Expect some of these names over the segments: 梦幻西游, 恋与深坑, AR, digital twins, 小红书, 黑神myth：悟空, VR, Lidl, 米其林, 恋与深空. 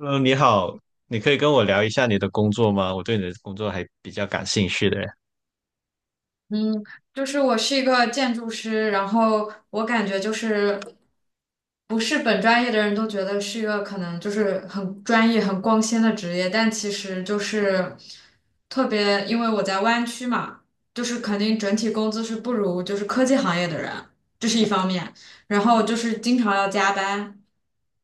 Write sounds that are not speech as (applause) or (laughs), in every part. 嗯，你好，你可以跟我聊一下你的工作吗？我对你的工作还比较感兴趣的。嗯，就是我是一个建筑师，然后我感觉就是不是本专业的人都觉得是一个可能就是很专业、很光鲜的职业，但其实就是特别，因为我在湾区嘛，就是肯定整体工资是不如就是科技行业的人，这是一方面，然后就是经常要加班，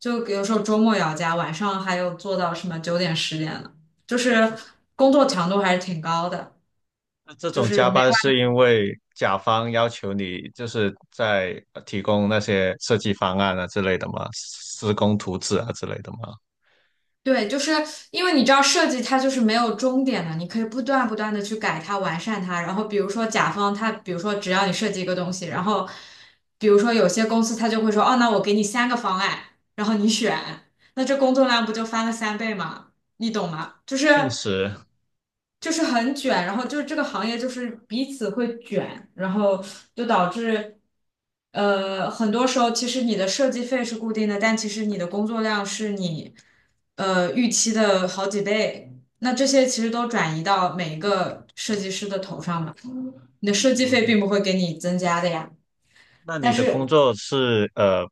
就有时候周末也要加，晚上还有做到什么9点、10点的，就是工作强度还是挺高的。那这就种加是。班是因为甲方要求你就是在提供那些设计方案啊之类的吗？施工图纸啊之类的吗？对，就是因为你知道设计它就是没有终点的，你可以不断不断的去改它、完善它。然后比如说甲方他，比如说只要你设计一个东西，然后比如说有些公司他就会说，哦，那我给你三个方案，然后你选，那这工作量不就翻了3倍吗？你懂吗？就是。确实，就是很卷，然后就是这个行业就是彼此会卷，然后就导致，很多时候其实你的设计费是固定的，但其实你的工作量是你预期的好几倍。那这些其实都转移到每一个设计师的头上嘛，你的设计费并不会给你增加的呀。那但你的工是作是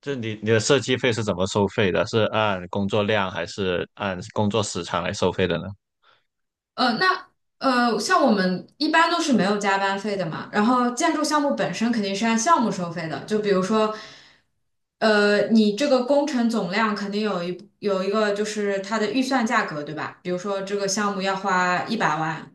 就你的设计费是怎么收费的？是按工作量还是按工作时长来收费的呢？呃，那像我们一般都是没有加班费的嘛，然后建筑项目本身肯定是按项目收费的，就比如说，你这个工程总量肯定有一个就是它的预算价格，对吧？比如说这个项目要花100万，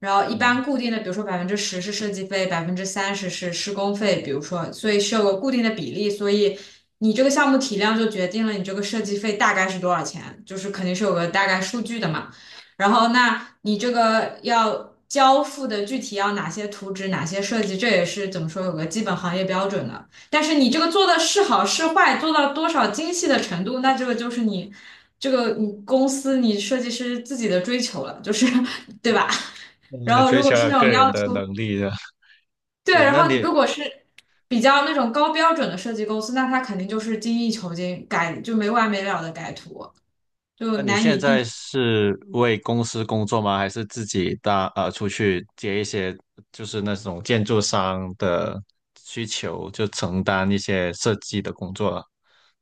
然后一嗯，般固定的，比如说10%是设计费，百分之三十是施工费，比如说，所以是有个固定的比例，所以你这个项目体量就决定了你这个设计费大概是多少钱，就是肯定是有个大概数据的嘛。然后，那你这个要交付的具体要哪些图纸、哪些设计，这也是怎么说有个基本行业标准的。但是你这个做的是好是坏，做到多少精细的程度，那这个就是你这个你公司你设计师自己的追求了，就是 (laughs) 对吧？那 (laughs) 你然的后追如求果是那个种人要的求，能力的。对，对，然那后你如果是比较那种高标准的设计公司，那他肯定就是精益求精，改就没完没了的改图，就那你难现以在避是为公司工作吗？还是自己搭出去接一些就是那种建筑商的需求，就承担一些设计的工作啊？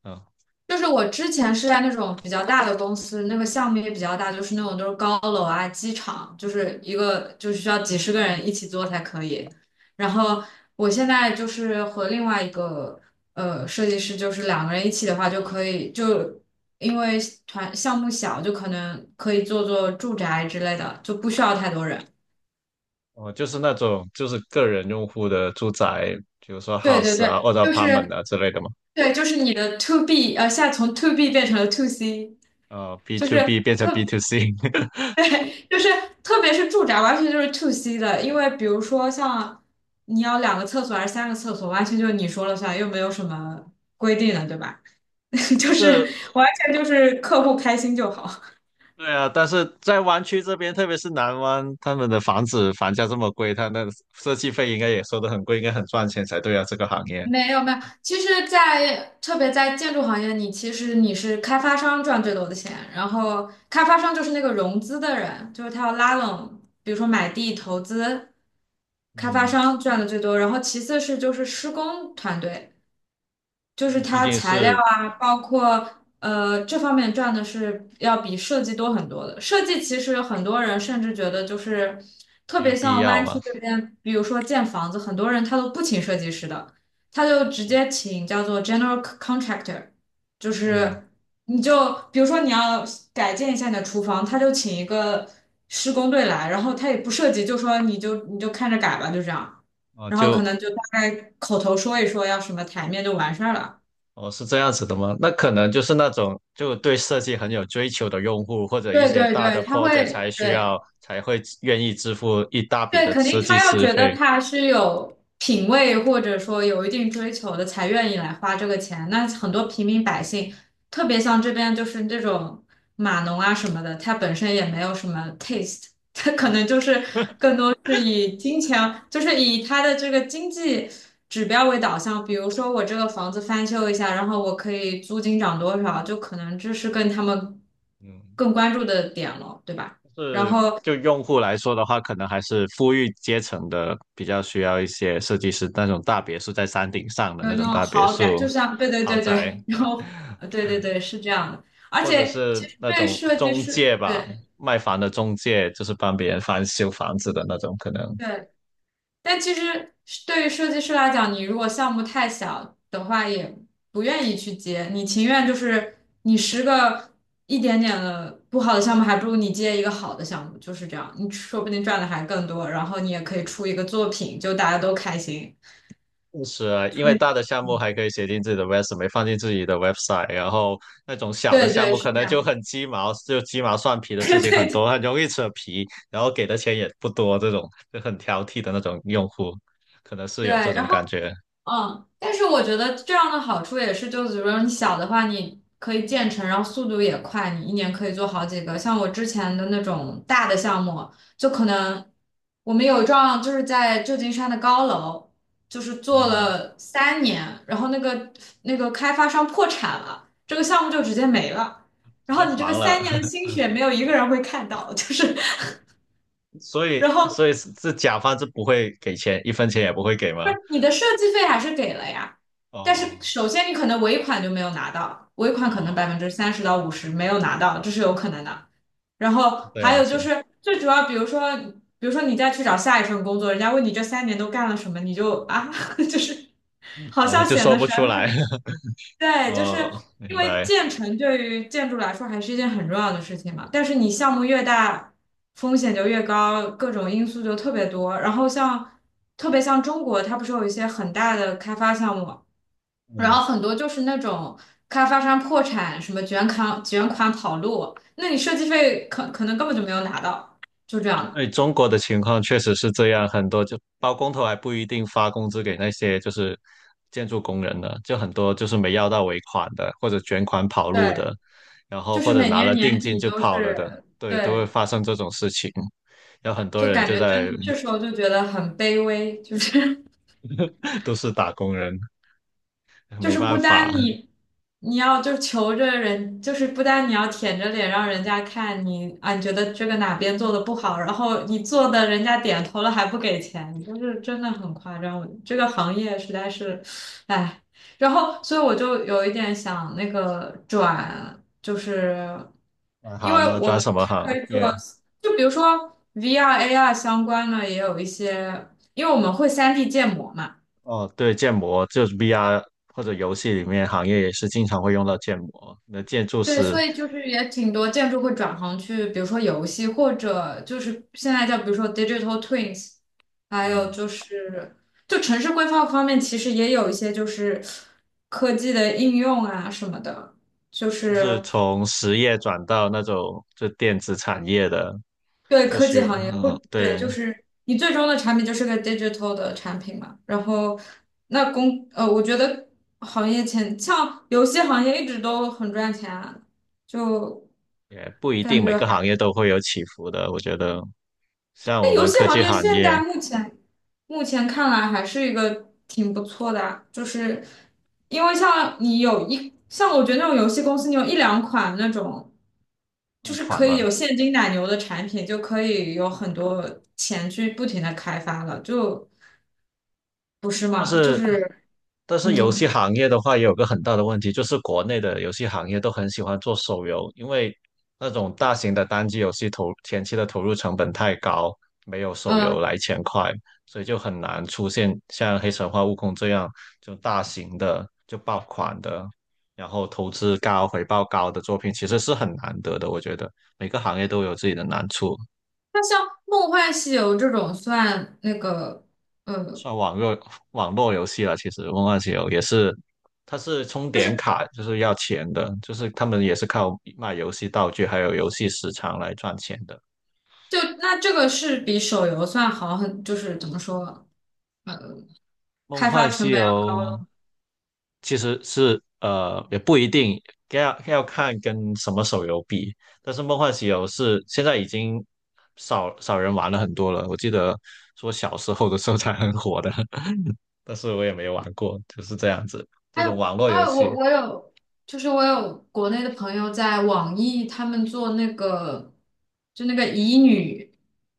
嗯，就是我之前是在那种比较大的公司，那个项目也比较大，就是那种都是高楼啊、机场，就是一个就是需要几十个人一起做才可以。然后我现在就是和另外一个设计师，就是两个人一起的话就可以，就因为团项目小，就可能可以做做住宅之类的，就不需要太多人。我就是那种就是个人用户的住宅，比如说 对对 house 啊对，或者 就 apartment 是啊之类的嘛。对，就是你的 to B，现在从 to B 变成了 to C。B 就 to 是 B 变成 B 特 to C，(laughs) 对，就是特别是住宅，完全就是 to C 的，因为比如说像你要两个厕所还是三个厕所，完全就是你说了算，又没有什么规定的，对吧？(laughs) 就就是是完全就是客户开心就好。对啊，但是在湾区这边，特别是南湾，他们的房子房价这么贵，他那设计费应该也收得很贵，应该很赚钱才对啊，这个行业。没有没有，其实在，特别在建筑行业，你其实你是开发商赚最多的钱，然后开发商就是那个融资的人，就是他要拉拢，比如说买地投资，开发嗯，商赚的最多，然后其次是就是施工团队。就是毕它竟材料是啊，包括这方面赚的是要比设计多很多的。设计其实很多人甚至觉得就是特没有别必像要湾区嘛。这边，比如说建房子，很多人他都不请设计师的，他就直接请叫做 general contractor，就嗯，是你就比如说你要改建一下你的厨房，他就请一个施工队来，然后他也不设计，就说你就看着改吧，就这样。哦，然后可就能就大概口头说一说要什么台面就完事儿了。哦是这样子的吗？那可能就是那种就对设计很有追求的用户，或者一对些对大的 对，他 project 才会，需要对才会愿意支付一大笔对，的肯定设计他要师觉得费。他是有品位或者说有一定追求的，才愿意来花这个钱。那很多平民百姓，特别像这边就是这种码农啊什么的，他本身也没有什么 taste，(laughs) 他可能就是都是以金钱，就是以他的这个经济指标为导向。比如说我这个房子翻修一下，然后我可以租金涨多少，就可能这是跟他们嗯，更关注的点了，对吧？然是后就用户来说的话，可能还是富裕阶层的比较需要一些设计师，那种大别墅在山顶上的有那那种种大别豪宅，墅就像对对豪对对，宅。然后对对对是这样的，而或者且其是实那对于种设计中师，介吧，对卖房的中介，就是帮别人翻修房子的那种，可能对，但其实是对于设计师来讲，你如果项目太小的话，也不愿意去接，你情愿就是你十个一点点的不好的项目，还不如你接一个好的项目，就是这样，你说不定赚的还更多，然后你也可以出一个作品，就大家都开心，是啊，因就为是大的项目嗯还可以写进自己的 resume，放进自己的 website，然后那种小的对项对目是可这能就样，很鸡毛，就鸡毛蒜皮的 (laughs) 事对情很多，对很容易扯皮，然后给的钱也不多，这种就很挑剔的那种用户，可能是对，有这种然后。感觉，嗯，但是我觉得这样的好处也是，就是比如说你小的话，你可以建成，然后速度也快，你一年可以做好几个。像我之前的那种大的项目，就可能我们有一幢就是在旧金山的高楼，就是做嗯，了三年，然后那个开发商破产了，这个项目就直接没了。直然接后你这个黄三了，年的 (laughs) 心血，没有一个人会看到，就是 所 (laughs) 以然所后以是是甲方是不会给钱，一分钱也不会给吗？不是你的设计费还是给了呀，但是哦首先你可能尾款就没有拿到，尾款可能百哦。分之三十到五十没有拿到，这是有可能的。然后这还样有就子是最主要，比如说，比如说你再去找下一份工作，人家问你这三年都干了什么，你就啊，(laughs) 就是好啊，像就显说得不全出面来。了。(laughs) 对，就是哦，因明为白。建成对于建筑来说还是一件很重要的事情嘛，但是你项目越大，风险就越高，各种因素就特别多。然后像特别像中国，它不是有一些很大的开发项目，然嗯，后很多就是那种开发商破产，什么卷款跑路，那你设计费可能根本就没有拿到，就这样的。哎，中国的情况确实是这样，很多就包工头还不一定发工资给那些就是建筑工人呢，就很多就是没要到尾款的，或者卷款跑路的，对，然后就或是者每拿年了定年金底就都跑了的，是，对，都会对，发生这种事情。有很多就人感就觉在 真这时候就觉得很卑微，就是。(laughs) 都是打工人，就没是办不法，单你你要就求着人，就是不单你要舔着脸让人家看你啊，你觉得这个哪边做的不好，然后你做的人家点头了还不给钱，就是真的很夸张。我这个行业实在是，唉。然后，所以我就有一点想那个转，就是转因行为嘛，我转们什不么是行？可以做，耶、就比如说 VR、AR 相关的，也有一些，因为我们会三 d 建模嘛。哦，对，建模就是 VR 或者游戏里面行业也是经常会用到建模。那建筑对，师，所以就是也挺多建筑会转行去，比如说游戏，或者就是现在叫比如说 digital twins，还有嗯，就是就城市规划方面，其实也有一些就是科技的应用啊什么的，就就是是从实业转到那种就电子产业的，对就科技是行业或嗯，对，对，就是你最终的产品就是个 digital 的产品嘛。然后我觉得行业前像游戏行业一直都很赚钱啊，就也不一感定每觉。个行还。业都会有起伏的。我觉得像我游们戏科行技业行现业在目前看来还是一个挺不错的啊，就是因为像你有一像我觉得那种游戏公司，你有一两款那种就爆是款可以有嘛，现金奶牛的产品，就可以有很多钱去不停的开发了，就不是但吗？就是，是但是游戏嗯行业的话，也有个很大的问题，就是国内的游戏行业都很喜欢做手游，因为那种大型的单机游戏投前期的投入成本太高，没有手游呃，来钱快，所以就很难出现像《黑神话：悟空》这样就大型的就爆款的，然后投资高、回报高的作品，其实是很难得的。我觉得每个行业都有自己的难处。那像《梦幻西游》这种算那个呃，算网络游戏了。其实梦幻西游也是，它是充就点是卡，就是要钱的，就是他们也是靠卖游戏道具还有游戏时长来赚钱的。就那这个是比手游算好很，就是怎么说？呃，梦开发幻成西本要游高了。其实是也不一定要看跟什么手游比，但是梦幻西游是现在已经少少人玩了很多了。我记得说小时候的时候才很火的，(laughs) 但是我也没玩过，就是这样子，还这种有网络还游有，戏。我有，就是我有国内的朋友在网易，他们做那个就那个乙女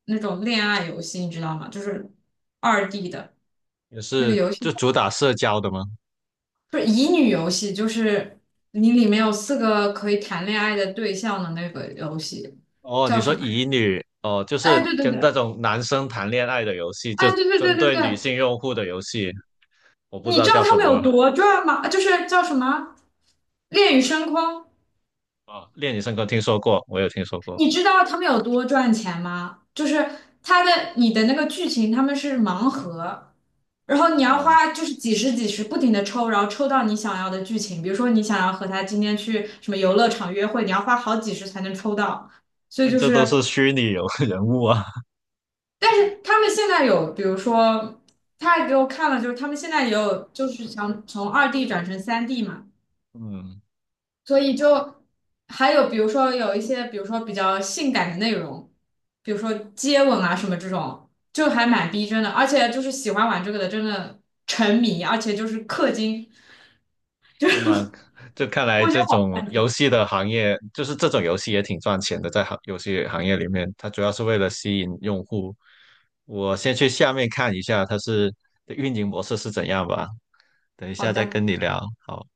那种恋爱游戏，你知道吗？就是二 D 的也那个是游戏，就主打社交的吗？不是乙女游戏，就是你里面有四个可以谈恋爱的对象的那个游戏，哦，叫你什说么乙呀？女哦，就哎，是对对跟对，那种男生谈恋爱的游戏，就哎，对对针对对对女对，性用户的游戏，我不知你道知道叫他什们么有了。多赚吗？就是叫什么《恋与深空》。哦，恋与深坑听说过，我有听说过。你知道他们有多赚钱吗？就是他的你的那个剧情，他们是盲盒，然后你要哦，花就是几十几十不停的抽，然后抽到你想要的剧情。比如说你想要和他今天去什么游乐场约会，你要花好几十才能抽到。所以但就这都是是，虚拟有 (laughs) 人物啊。但是他们现在有，比如说他还给我看了，就是他们现在也有，就是想从二 D 转成3D 嘛。嗯，所以就还有比如说有一些，比如说比较性感的内容，比如说接吻啊什么这种，就还蛮逼真的。而且就是喜欢玩这个的，真的沉迷，而且就是氪金，是吗？就看来我觉得这好种游戏的行业，就是这种游戏也挺赚钱的，在游戏行业里面，它主要是为了吸引用户。我先去下面看一下它是的运营模式是怎样吧，等一好下再单。跟你聊。好。